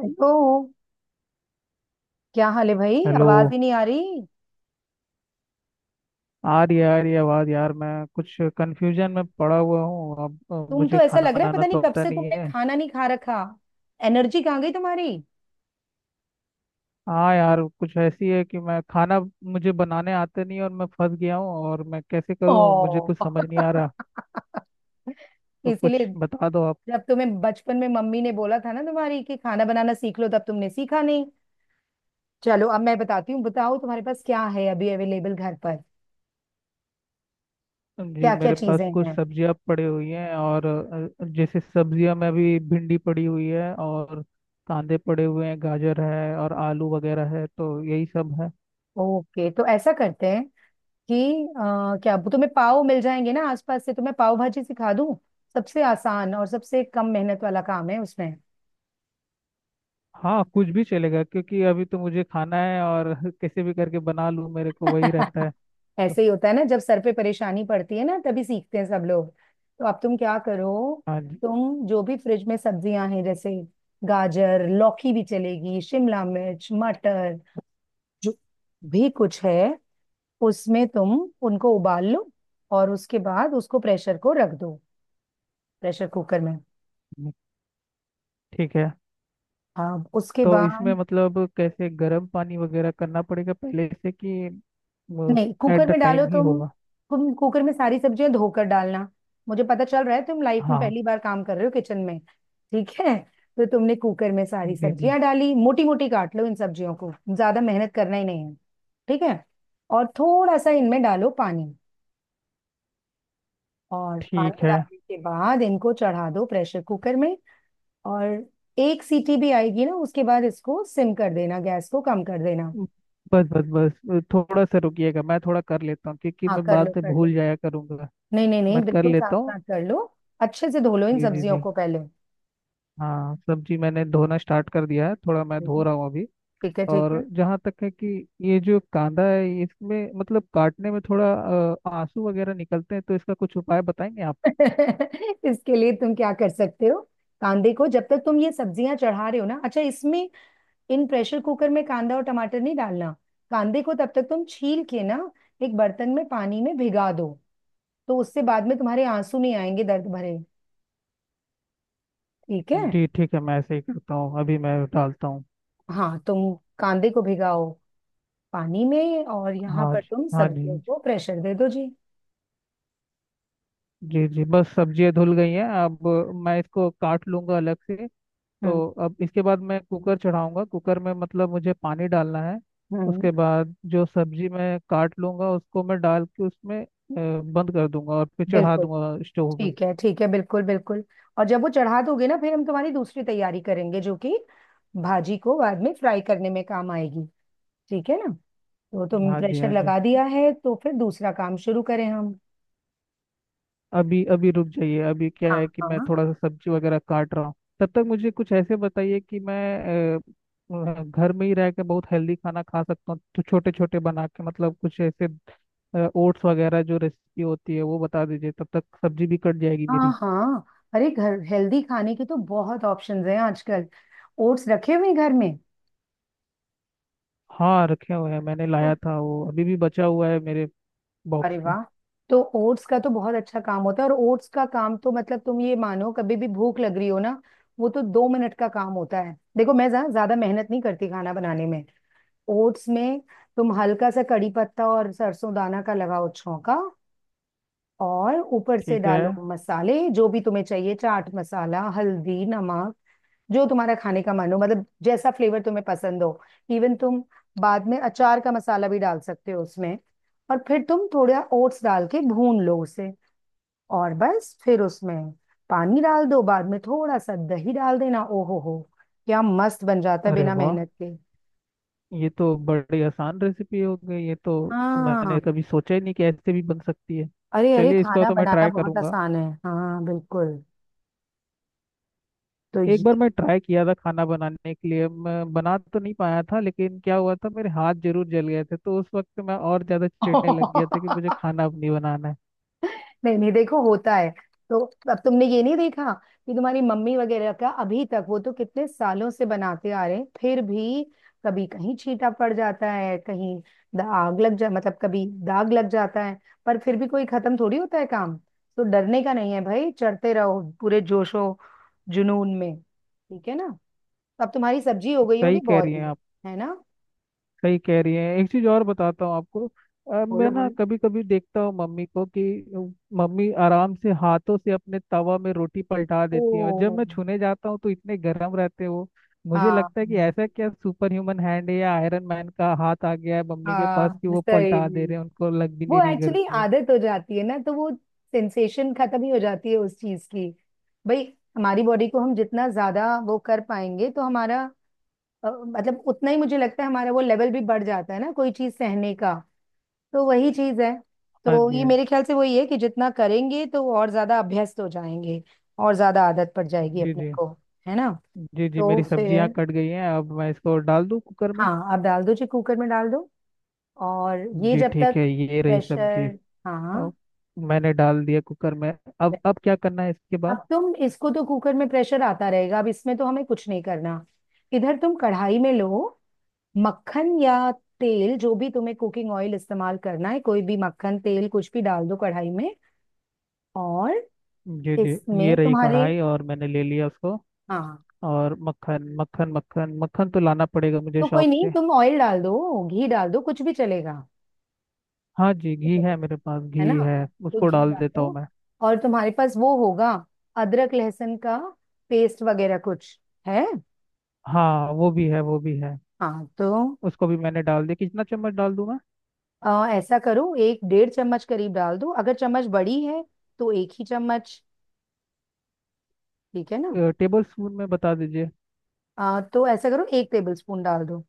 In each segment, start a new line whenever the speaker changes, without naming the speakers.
Hello. क्या हाल है भाई,
हेलो।
आवाज ही नहीं आ रही।
आ रही है, आ रही है आवाज़, यार। मैं कुछ कंफ्यूजन में पड़ा हुआ हूँ। अब
तुम तो
मुझे
ऐसा
खाना
लग रहा है
बनाना
पता नहीं
तो
कब
आता
से
नहीं
तुमने
है।
खाना नहीं खा रखा, एनर्जी कहाँ गई तुम्हारी?
हाँ यार, कुछ ऐसी है कि मैं खाना मुझे बनाने आता नहीं है, और मैं फंस गया हूँ। और मैं कैसे
ओ
करूँ, मुझे कुछ समझ नहीं आ रहा। तो कुछ
इसीलिए
बता दो आप।
जब तुम्हें बचपन में मम्मी ने बोला था ना तुम्हारी कि खाना बनाना सीख लो, तब तुमने सीखा नहीं। चलो अब मैं बताती हूँ, बताओ तुम्हारे पास क्या है अभी अवेलेबल घर पर?
जी,
क्या क्या
मेरे
चीजें
पास कुछ
हैं?
सब्जियाँ पड़ी हुई हैं। और जैसे सब्जियाँ में अभी भिंडी पड़ी हुई है, और कांदे पड़े हुए हैं, गाजर है और आलू वगैरह है, तो यही सब है।
ओके, तो ऐसा करते हैं कि क्या तुम्हें पाव मिल जाएंगे ना आसपास से? तुम्हें पाव भाजी सिखा दूं, सबसे आसान और सबसे कम मेहनत वाला काम है उसमें।
हाँ, कुछ भी चलेगा क्योंकि अभी तो मुझे खाना है, और कैसे भी करके बना लूँ, मेरे को वही रहता है। तो
ऐसे ही होता है ना, जब सर पे परेशानी पड़ती है ना तभी सीखते हैं सब लोग। तो अब तुम क्या करो,
हाँ जी।
तुम जो भी फ्रिज में सब्जियां हैं जैसे गाजर, लौकी भी चलेगी, शिमला मिर्च, मटर, जो भी कुछ है उसमें, तुम उनको उबाल लो। और उसके बाद उसको प्रेशर को रख दो, प्रेशर कुकर में।
हम्म, ठीक है।
अब उसके
तो इसमें
बाद
मतलब कैसे गर्म पानी वगैरह करना पड़ेगा पहले से, कि
नहीं,
एट
कुकर
द
में डालो
टाइम ही
तुम।
होगा?
तुम कुकर में सारी सब्जियां धोकर डालना। मुझे पता चल रहा है तुम लाइफ में
हाँ
पहली बार काम कर रहे हो किचन में। ठीक है, तो तुमने कुकर में सारी
जी जी,
सब्जियां डाली, मोटी मोटी काट लो इन सब्जियों को, ज्यादा मेहनत करना ही नहीं है। ठीक है, और थोड़ा सा इनमें डालो पानी, और
ठीक
पानी
है।
डालने के बाद इनको चढ़ा दो प्रेशर कुकर में। और एक सीटी भी आएगी ना, उसके बाद इसको सिम कर देना, गैस को कम कर देना।
बस बस बस, थोड़ा सा रुकिएगा, मैं थोड़ा कर लेता हूँ, क्योंकि
हाँ
मैं
कर लो
बाद में
कर लो,
भूल जाया करूँगा।
नहीं नहीं नहीं,
मैं कर
बिल्कुल साफ
लेता हूँ।
साफ कर लो। अच्छे से धो लो इन
जी जी
सब्जियों
जी।
को पहले।
हाँ, सब्जी मैंने धोना स्टार्ट कर दिया है, थोड़ा मैं धो
बिल्कुल।
रहा हूँ अभी।
ठीक है ठीक है।
और जहाँ तक है कि ये जो कांदा है, इसमें मतलब काटने में थोड़ा आंसू वगैरह निकलते हैं, तो इसका कुछ उपाय बताएंगे आप?
इसके लिए तुम क्या कर सकते हो, कांदे को जब तक तुम ये सब्जियां चढ़ा रहे हो ना, अच्छा इसमें, इन प्रेशर कुकर में कांदा और टमाटर नहीं डालना। कांदे को तब तक तुम छील के ना एक बर्तन में पानी में भिगा दो, तो उससे बाद में तुम्हारे आंसू नहीं आएंगे दर्द भरे। ठीक है।
जी ठीक है, मैं ऐसे ही करता हूँ, अभी मैं डालता हूँ।
हाँ तुम कांदे को भिगाओ पानी में, और यहाँ
हाँ
पर
जी,
तुम
हाँ जी।
सब्जियों को प्रेशर दे दो जी।
जी जी, बस सब्जियाँ धुल गई हैं, अब मैं इसको काट लूँगा अलग से। तो
हम्म
अब इसके बाद मैं कुकर चढ़ाऊँगा, कुकर में मतलब मुझे पानी डालना है।
हम्म।
उसके बाद जो सब्जी मैं काट लूँगा उसको मैं डाल के उसमें बंद कर दूंगा और फिर चढ़ा
बिल्कुल,
दूंगा स्टोव में।
ठीक है ठीक है, बिल्कुल बिल्कुल। और जब वो चढ़ा दोगे ना, फिर हम तुम्हारी दूसरी तैयारी करेंगे जो कि भाजी को बाद में फ्राई करने में काम आएगी। ठीक है ना? तो तुम
हाँ जी,
प्रेशर
हाँ जी।
लगा दिया है, तो फिर दूसरा काम शुरू करें हम?
अभी अभी रुक जाइए, अभी क्या
हाँ
है कि मैं
हाँ,
थोड़ा सा सब्जी वगैरह काट रहा हूँ। तब तक मुझे कुछ ऐसे बताइए कि मैं घर में ही रह के बहुत हेल्दी खाना खा सकता हूँ, तो छोटे छोटे बना के, मतलब कुछ ऐसे ओट्स वगैरह जो रेसिपी होती है वो बता दीजिए, तब तक सब्जी भी कट जाएगी
हाँ
मेरी।
हाँ। अरे घर हेल्दी खाने के तो बहुत ऑप्शंस हैं आजकल। ओट्स रखे हुए हैं घर में?
हाँ, रखे हुए हैं, मैंने लाया
तो
था, वो अभी भी बचा हुआ है मेरे
अरे
बॉक्स में।
वाह, तो ओट्स का तो बहुत अच्छा काम होता है। और ओट्स का काम तो मतलब तुम ये मानो, कभी भी भूख लग रही हो ना, वो तो 2 मिनट का काम होता है। देखो मैं ज्यादा मेहनत नहीं करती खाना बनाने में। ओट्स में तुम हल्का सा कड़ी पत्ता और सरसों दाना का लगाओ छौंका, और ऊपर से
ठीक है।
डालो मसाले जो भी तुम्हें चाहिए, चाट मसाला, हल्दी, नमक, जो तुम्हारा खाने का मन हो, मतलब जैसा फ्लेवर तुम्हें पसंद हो। इवन तुम बाद में अचार का मसाला भी डाल सकते हो उसमें। और फिर तुम थोड़ा ओट्स डाल के भून लो उसे, और बस फिर उसमें पानी डाल दो, बाद में थोड़ा सा दही डाल देना। ओहो हो, क्या मस्त बन जाता है
अरे
बिना
वाह,
मेहनत के।
ये तो बड़ी आसान रेसिपी हो गई ये तो।
हाँ।
मैंने कभी सोचा ही नहीं कि ऐसे भी बन सकती है।
अरे अरे,
चलिए, इसको
खाना
तो मैं
बनाना
ट्राई
बहुत
करूंगा।
आसान है, हाँ बिल्कुल। तो
एक
ये,
बार मैं ट्राई किया था खाना बनाने के लिए, मैं बना तो नहीं पाया था, लेकिन क्या हुआ था मेरे हाथ जरूर जल गए थे, तो उस वक्त मैं और ज़्यादा चिढ़ने लग गया था कि मुझे खाना अब नहीं बनाना है।
नहीं नहीं, देखो होता है। तो अब तुमने ये नहीं देखा कि तुम्हारी मम्मी वगैरह का अभी तक, वो तो कितने सालों से बनाते आ रहे हैं फिर भी कभी कहीं छींटा पड़ जाता है, कहीं दाग लग जा, मतलब कभी दाग लग जाता है। पर फिर भी कोई खत्म थोड़ी होता है काम। तो डरने का नहीं है भाई, चढ़ते रहो पूरे जोशो जुनून में, ठीक है ना? तो अब तुम्हारी सब्जी हो गई होगी
सही कह रही हैं
बॉईल,
आप।
है ना?
सही कह रही हैं, एक चीज़ और बताता हूँ आपको।
बोलो
मैं ना
बोलो।
कभी कभी देखता हूँ मम्मी को कि अ, मम्मी आराम से हाथों से अपने तवा में रोटी पलटा देती है, और जब
ओ।
मैं छूने जाता हूँ तो इतने गर्म रहते हैं वो। मुझे
हाँ
लगता है कि ऐसा क्या सुपर ह्यूमन हैंड है, या आयरन मैन का हाथ आ गया है मम्मी के पास
हाँ
कि वो पलटा
सही।
दे रहे हैं, उनको लग भी नहीं
वो
रही
एक्चुअली
गर्मी।
आदत हो जाती है ना, तो वो सेंसेशन खत्म ही हो जाती है उस चीज की। भाई, हमारी बॉडी को हम जितना ज्यादा वो कर पाएंगे, तो हमारा मतलब उतना ही मुझे लगता है हमारा वो लेवल भी बढ़ जाता है ना, कोई चीज सहने का। तो वही चीज है।
हाँ
तो
जी,
ये
हाँ
मेरे ख्याल से वही है कि जितना करेंगे तो और ज्यादा अभ्यस्त हो जाएंगे, और ज्यादा आदत पड़ जाएगी
जी।
अपने
जी
को, है ना?
जी, जी जी,
तो
मेरी सब्जियां
फिर
कट गई हैं, अब मैं इसको डाल दूं कुकर में?
हाँ आप डाल दो जी, कुकर में डाल दो। और ये
जी
जब
ठीक
तक
है, ये रही सब्जी।
प्रेशर, हाँ
अब मैंने डाल दिया कुकर में। अब
right।
अब क्या करना है इसके बाद?
अब तुम इसको तो कुकर में प्रेशर आता रहेगा, अब इसमें तो हमें कुछ नहीं करना। इधर तुम कढ़ाई में लो मक्खन या तेल, जो भी तुम्हें कुकिंग ऑयल इस्तेमाल करना है, कोई भी, मक्खन, तेल, कुछ भी डाल दो कढ़ाई में। और
जी जी, ये
इसमें
रही
तुम्हारे,
कढ़ाई, और मैंने ले लिया उसको।
हाँ
और मक्खन मक्खन मक्खन मक्खन तो लाना पड़ेगा मुझे
तो कोई
शॉप
नहीं,
से।
तुम ऑयल डाल दो, घी डाल दो, कुछ भी चलेगा,
हाँ जी,
कुछ
घी
भी,
है मेरे पास,
है
घी
ना?
है।
तो
उसको
घी
डाल
डाल
देता हूँ
दो।
मैं।
और तुम्हारे पास वो होगा अदरक लहसुन का पेस्ट वगैरह, कुछ है?
हाँ वो भी है, वो भी है।
हाँ, तो
उसको भी मैंने डाल दिया। कितना चम्मच डाल दूं मैं?
ऐसा करो, एक डेढ़ चम्मच करीब डाल दो, अगर चम्मच बड़ी है तो एक ही चम्मच। ठीक है ना?
टेबल स्पून में बता दीजिए।
तो ऐसा करो एक टेबल स्पून डाल दो।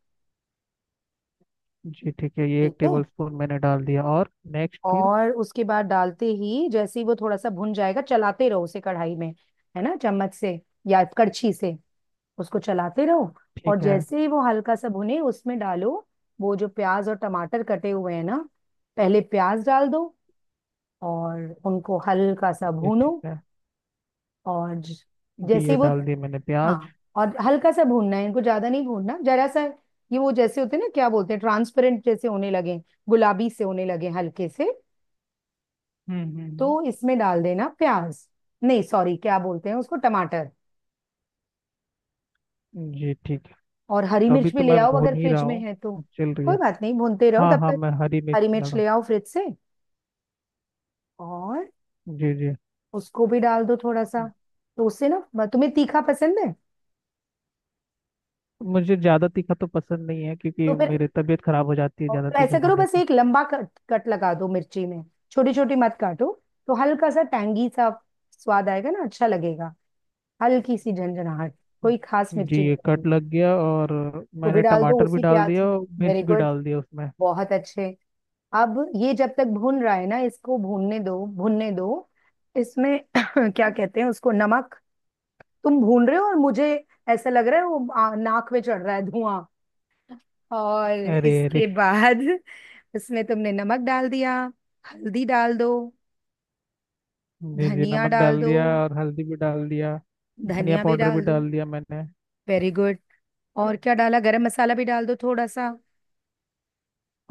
जी ठीक है, ये
ठीक
एक
है।
टेबल स्पून मैंने डाल दिया, और नेक्स्ट फिर?
और उसके बाद डालते ही, जैसे ही वो थोड़ा सा भुन जाएगा, चलाते रहो उसे कढ़ाई में, है ना, चम्मच से या कड़छी से, उसको चलाते रहो। और
ठीक है।
जैसे ही वो हल्का सा भुने, उसमें डालो वो जो प्याज और टमाटर कटे हुए हैं ना, पहले प्याज डाल दो, और उनको हल्का सा
ये
भूनो।
ठीक है।
और
जी
जैसे ही
ये
वो,
डाल दिया मैंने प्याज।
हाँ और हल्का सा भूनना है इनको, ज्यादा नहीं भूनना, जरा सा। ये वो जैसे होते हैं ना, क्या बोलते हैं, ट्रांसपेरेंट जैसे होने लगे, गुलाबी से होने लगे हल्के से,
हम्म हम्म
तो इसमें डाल देना प्याज। नहीं सॉरी, क्या बोलते हैं उसको, टमाटर।
जी ठीक है।
और हरी
तो अभी
मिर्च भी
तो
ले
मैं
आओ
भून
अगर
ही रहा
फ्रिज में
हूँ,
है तो।
अब चल रही है।
कोई बात नहीं, भूनते रहो
हाँ
तब
हाँ,
तक।
मैं हरी मिर्च
हरी
डाल
मिर्च
रहा
ले आओ फ्रिज से, और
हूँ। जी जी।
उसको भी डाल दो थोड़ा सा। तो उससे ना, तुम्हें तीखा पसंद है?
मुझे ज़्यादा तीखा तो पसंद नहीं है,
तो
क्योंकि
फिर
मेरी तबीयत खराब हो जाती है
और,
ज़्यादा
तो
तीखा
ऐसा करो
खाने
बस
से।
एक लंबा कट कट लगा दो मिर्ची में, छोटी छोटी मत काटो। तो हल्का सा टैंगी सा स्वाद आएगा ना, अच्छा लगेगा, हल्की सी झंझनाहट, कोई खास
जी
मिर्ची
ये
नहीं होगी।
कट लग गया, और
वो भी
मैंने
डाल दो
टमाटर भी
उसी
डाल
प्याज
दिया
में।
और
वेरी
मिर्च भी
गुड,
डाल दिया उसमें।
बहुत अच्छे। अब ये जब तक भून रहा है ना, इसको भूनने दो भूनने दो। इसमें क्या कहते हैं उसको, नमक। तुम भून रहे हो और मुझे ऐसा लग रहा है वो नाक में चढ़ रहा है धुआं। और
अरे अरे।
इसके बाद उसमें तुमने नमक डाल दिया, हल्दी डाल दो,
जी जी,
धनिया
नमक
डाल
डाल
दो,
दिया और हल्दी भी डाल दिया। धनिया
धनिया भी
पाउडर भी
डाल दो।
डाल दिया मैंने।
Very good. और क्या डाला, गरम मसाला भी डाल दो थोड़ा सा।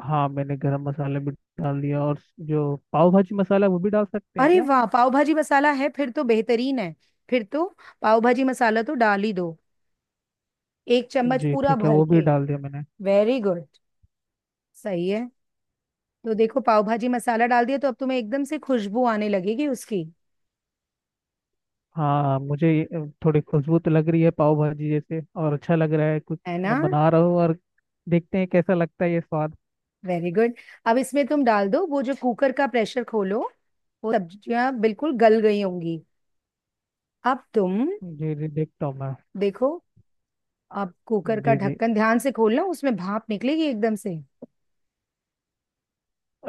हाँ मैंने गरम मसाला भी डाल दिया। और जो पाव भाजी मसाला, वो भी डाल सकते हैं
अरे
क्या?
वाह पाव भाजी मसाला है, फिर तो बेहतरीन है। फिर तो पाव भाजी मसाला तो डाल ही दो, एक चम्मच
जी
पूरा
ठीक है,
भर
वो भी
के।
डाल दिया मैंने।
वेरी गुड, सही है। तो देखो पाव भाजी मसाला डाल दिया, तो अब तुम्हें एकदम से खुशबू आने लगेगी उसकी,
हाँ मुझे ये, थोड़ी खुशबू तो लग रही है पाव भाजी जैसे, और अच्छा लग रहा है कुछ
है ना?
मैं बना रहा हूँ। और देखते हैं कैसा लगता है ये स्वाद।
Very good. अब इसमें तुम डाल दो, वो जो कुकर का प्रेशर खोलो, वो सब्जियां बिल्कुल गल गई होंगी। अब तुम
जी जी, देखता हूँ मैं।
देखो, अब कुकर का
जी जी,
ढक्कन ध्यान से खोलना, उसमें भाप निकलेगी एकदम से।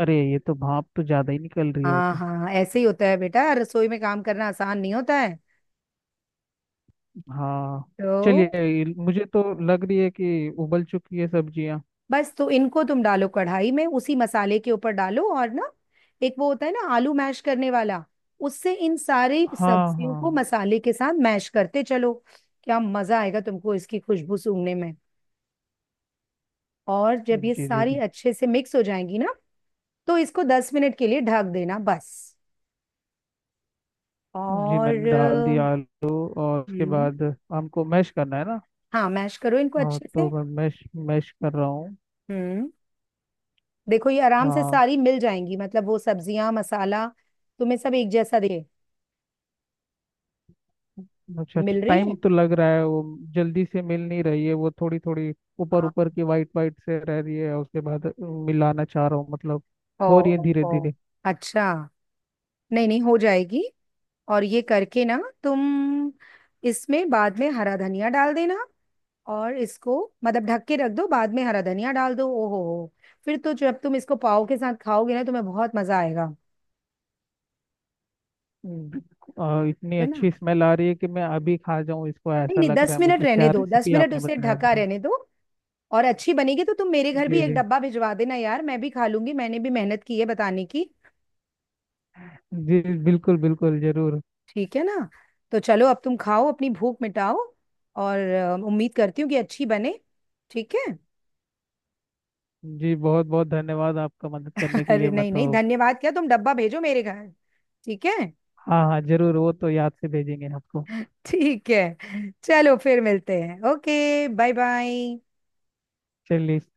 अरे ये तो भाप तो ज़्यादा ही निकल रही है वो
हाँ
तो।
हाँ हाँ, ऐसे ही होता है बेटा, रसोई में काम करना आसान नहीं होता है।
हाँ। चलिए
तो
मुझे तो लग रही है कि उबल चुकी है सब्जियाँ।
बस, तो इनको तुम डालो कढ़ाई में, उसी मसाले के ऊपर डालो। और ना, एक वो होता है ना आलू मैश करने वाला, उससे इन सारी
हाँ
सब्जियों को
हाँ।
मसाले के साथ मैश करते चलो। क्या मजा आएगा तुमको इसकी खुशबू सूंघने में। और जब ये
जी जी,
सारी
जी
अच्छे से मिक्स हो जाएंगी ना, तो इसको 10 मिनट के लिए ढक देना बस।
जी,
और
मैंने डाल दिया आलू, और उसके
हम्म।
बाद हमको मैश करना है ना?
हाँ मैश करो इनको
हाँ
अच्छे
तो
से।
मैं मैश मैश कर रहा हूँ।
हम्म। देखो ये आराम से
हाँ।
सारी मिल जाएंगी, मतलब वो सब्जियां मसाला, तुम्हें सब एक जैसा दे
अच्छा अच्छा
मिल रही
टाइम
है।
तो लग रहा है वो। जल्दी से मिल नहीं रही है वो, थोड़ी थोड़ी ऊपर
हाँ।
ऊपर की वाइट वाइट से रह रही है, उसके बाद मिलाना चाह रहा हूँ मतलब।
ओ
हो रही है
ओ
धीरे
ओ,
धीरे।
अच्छा, नहीं नहीं हो जाएगी। और ये करके ना, तुम इसमें बाद में हरा धनिया डाल देना। और इसको मतलब ढक के रख दो, बाद में हरा धनिया डाल दो। ओहो हो, फिर तो जब तुम इसको पाव के साथ खाओगे ना, तुम्हें बहुत मजा आएगा,
हम्म, और इतनी
है ना?
अच्छी स्मेल आ रही है कि मैं अभी खा जाऊँ इसको,
नहीं
ऐसा
नहीं,
लग
दस
रहा है
मिनट
मुझे।
रहने
क्या
दो, दस
रेसिपी
मिनट
आपने
उसे
बताया
ढका
अभी?
रहने दो। और अच्छी बनेगी तो तुम मेरे घर भी
जी
एक
जी
डब्बा भिजवा देना यार, मैं भी खा लूंगी, मैंने भी मेहनत की है बताने की।
जी, बिल्कुल बिल्कुल, जरूर।
ठीक है ना? तो चलो अब तुम खाओ, अपनी भूख मिटाओ। और उम्मीद करती हूँ कि अच्छी बने, ठीक है।
जी बहुत बहुत धन्यवाद आपका, मदद करने के
अरे
लिए, मैं
नहीं नहीं
तो।
धन्यवाद क्या, तुम डब्बा भेजो मेरे घर, ठीक है।
हाँ हाँ जरूर, वो तो याद से भेजेंगे आपको।
ठीक है चलो फिर मिलते हैं, ओके, बाय बाय।
चलिए।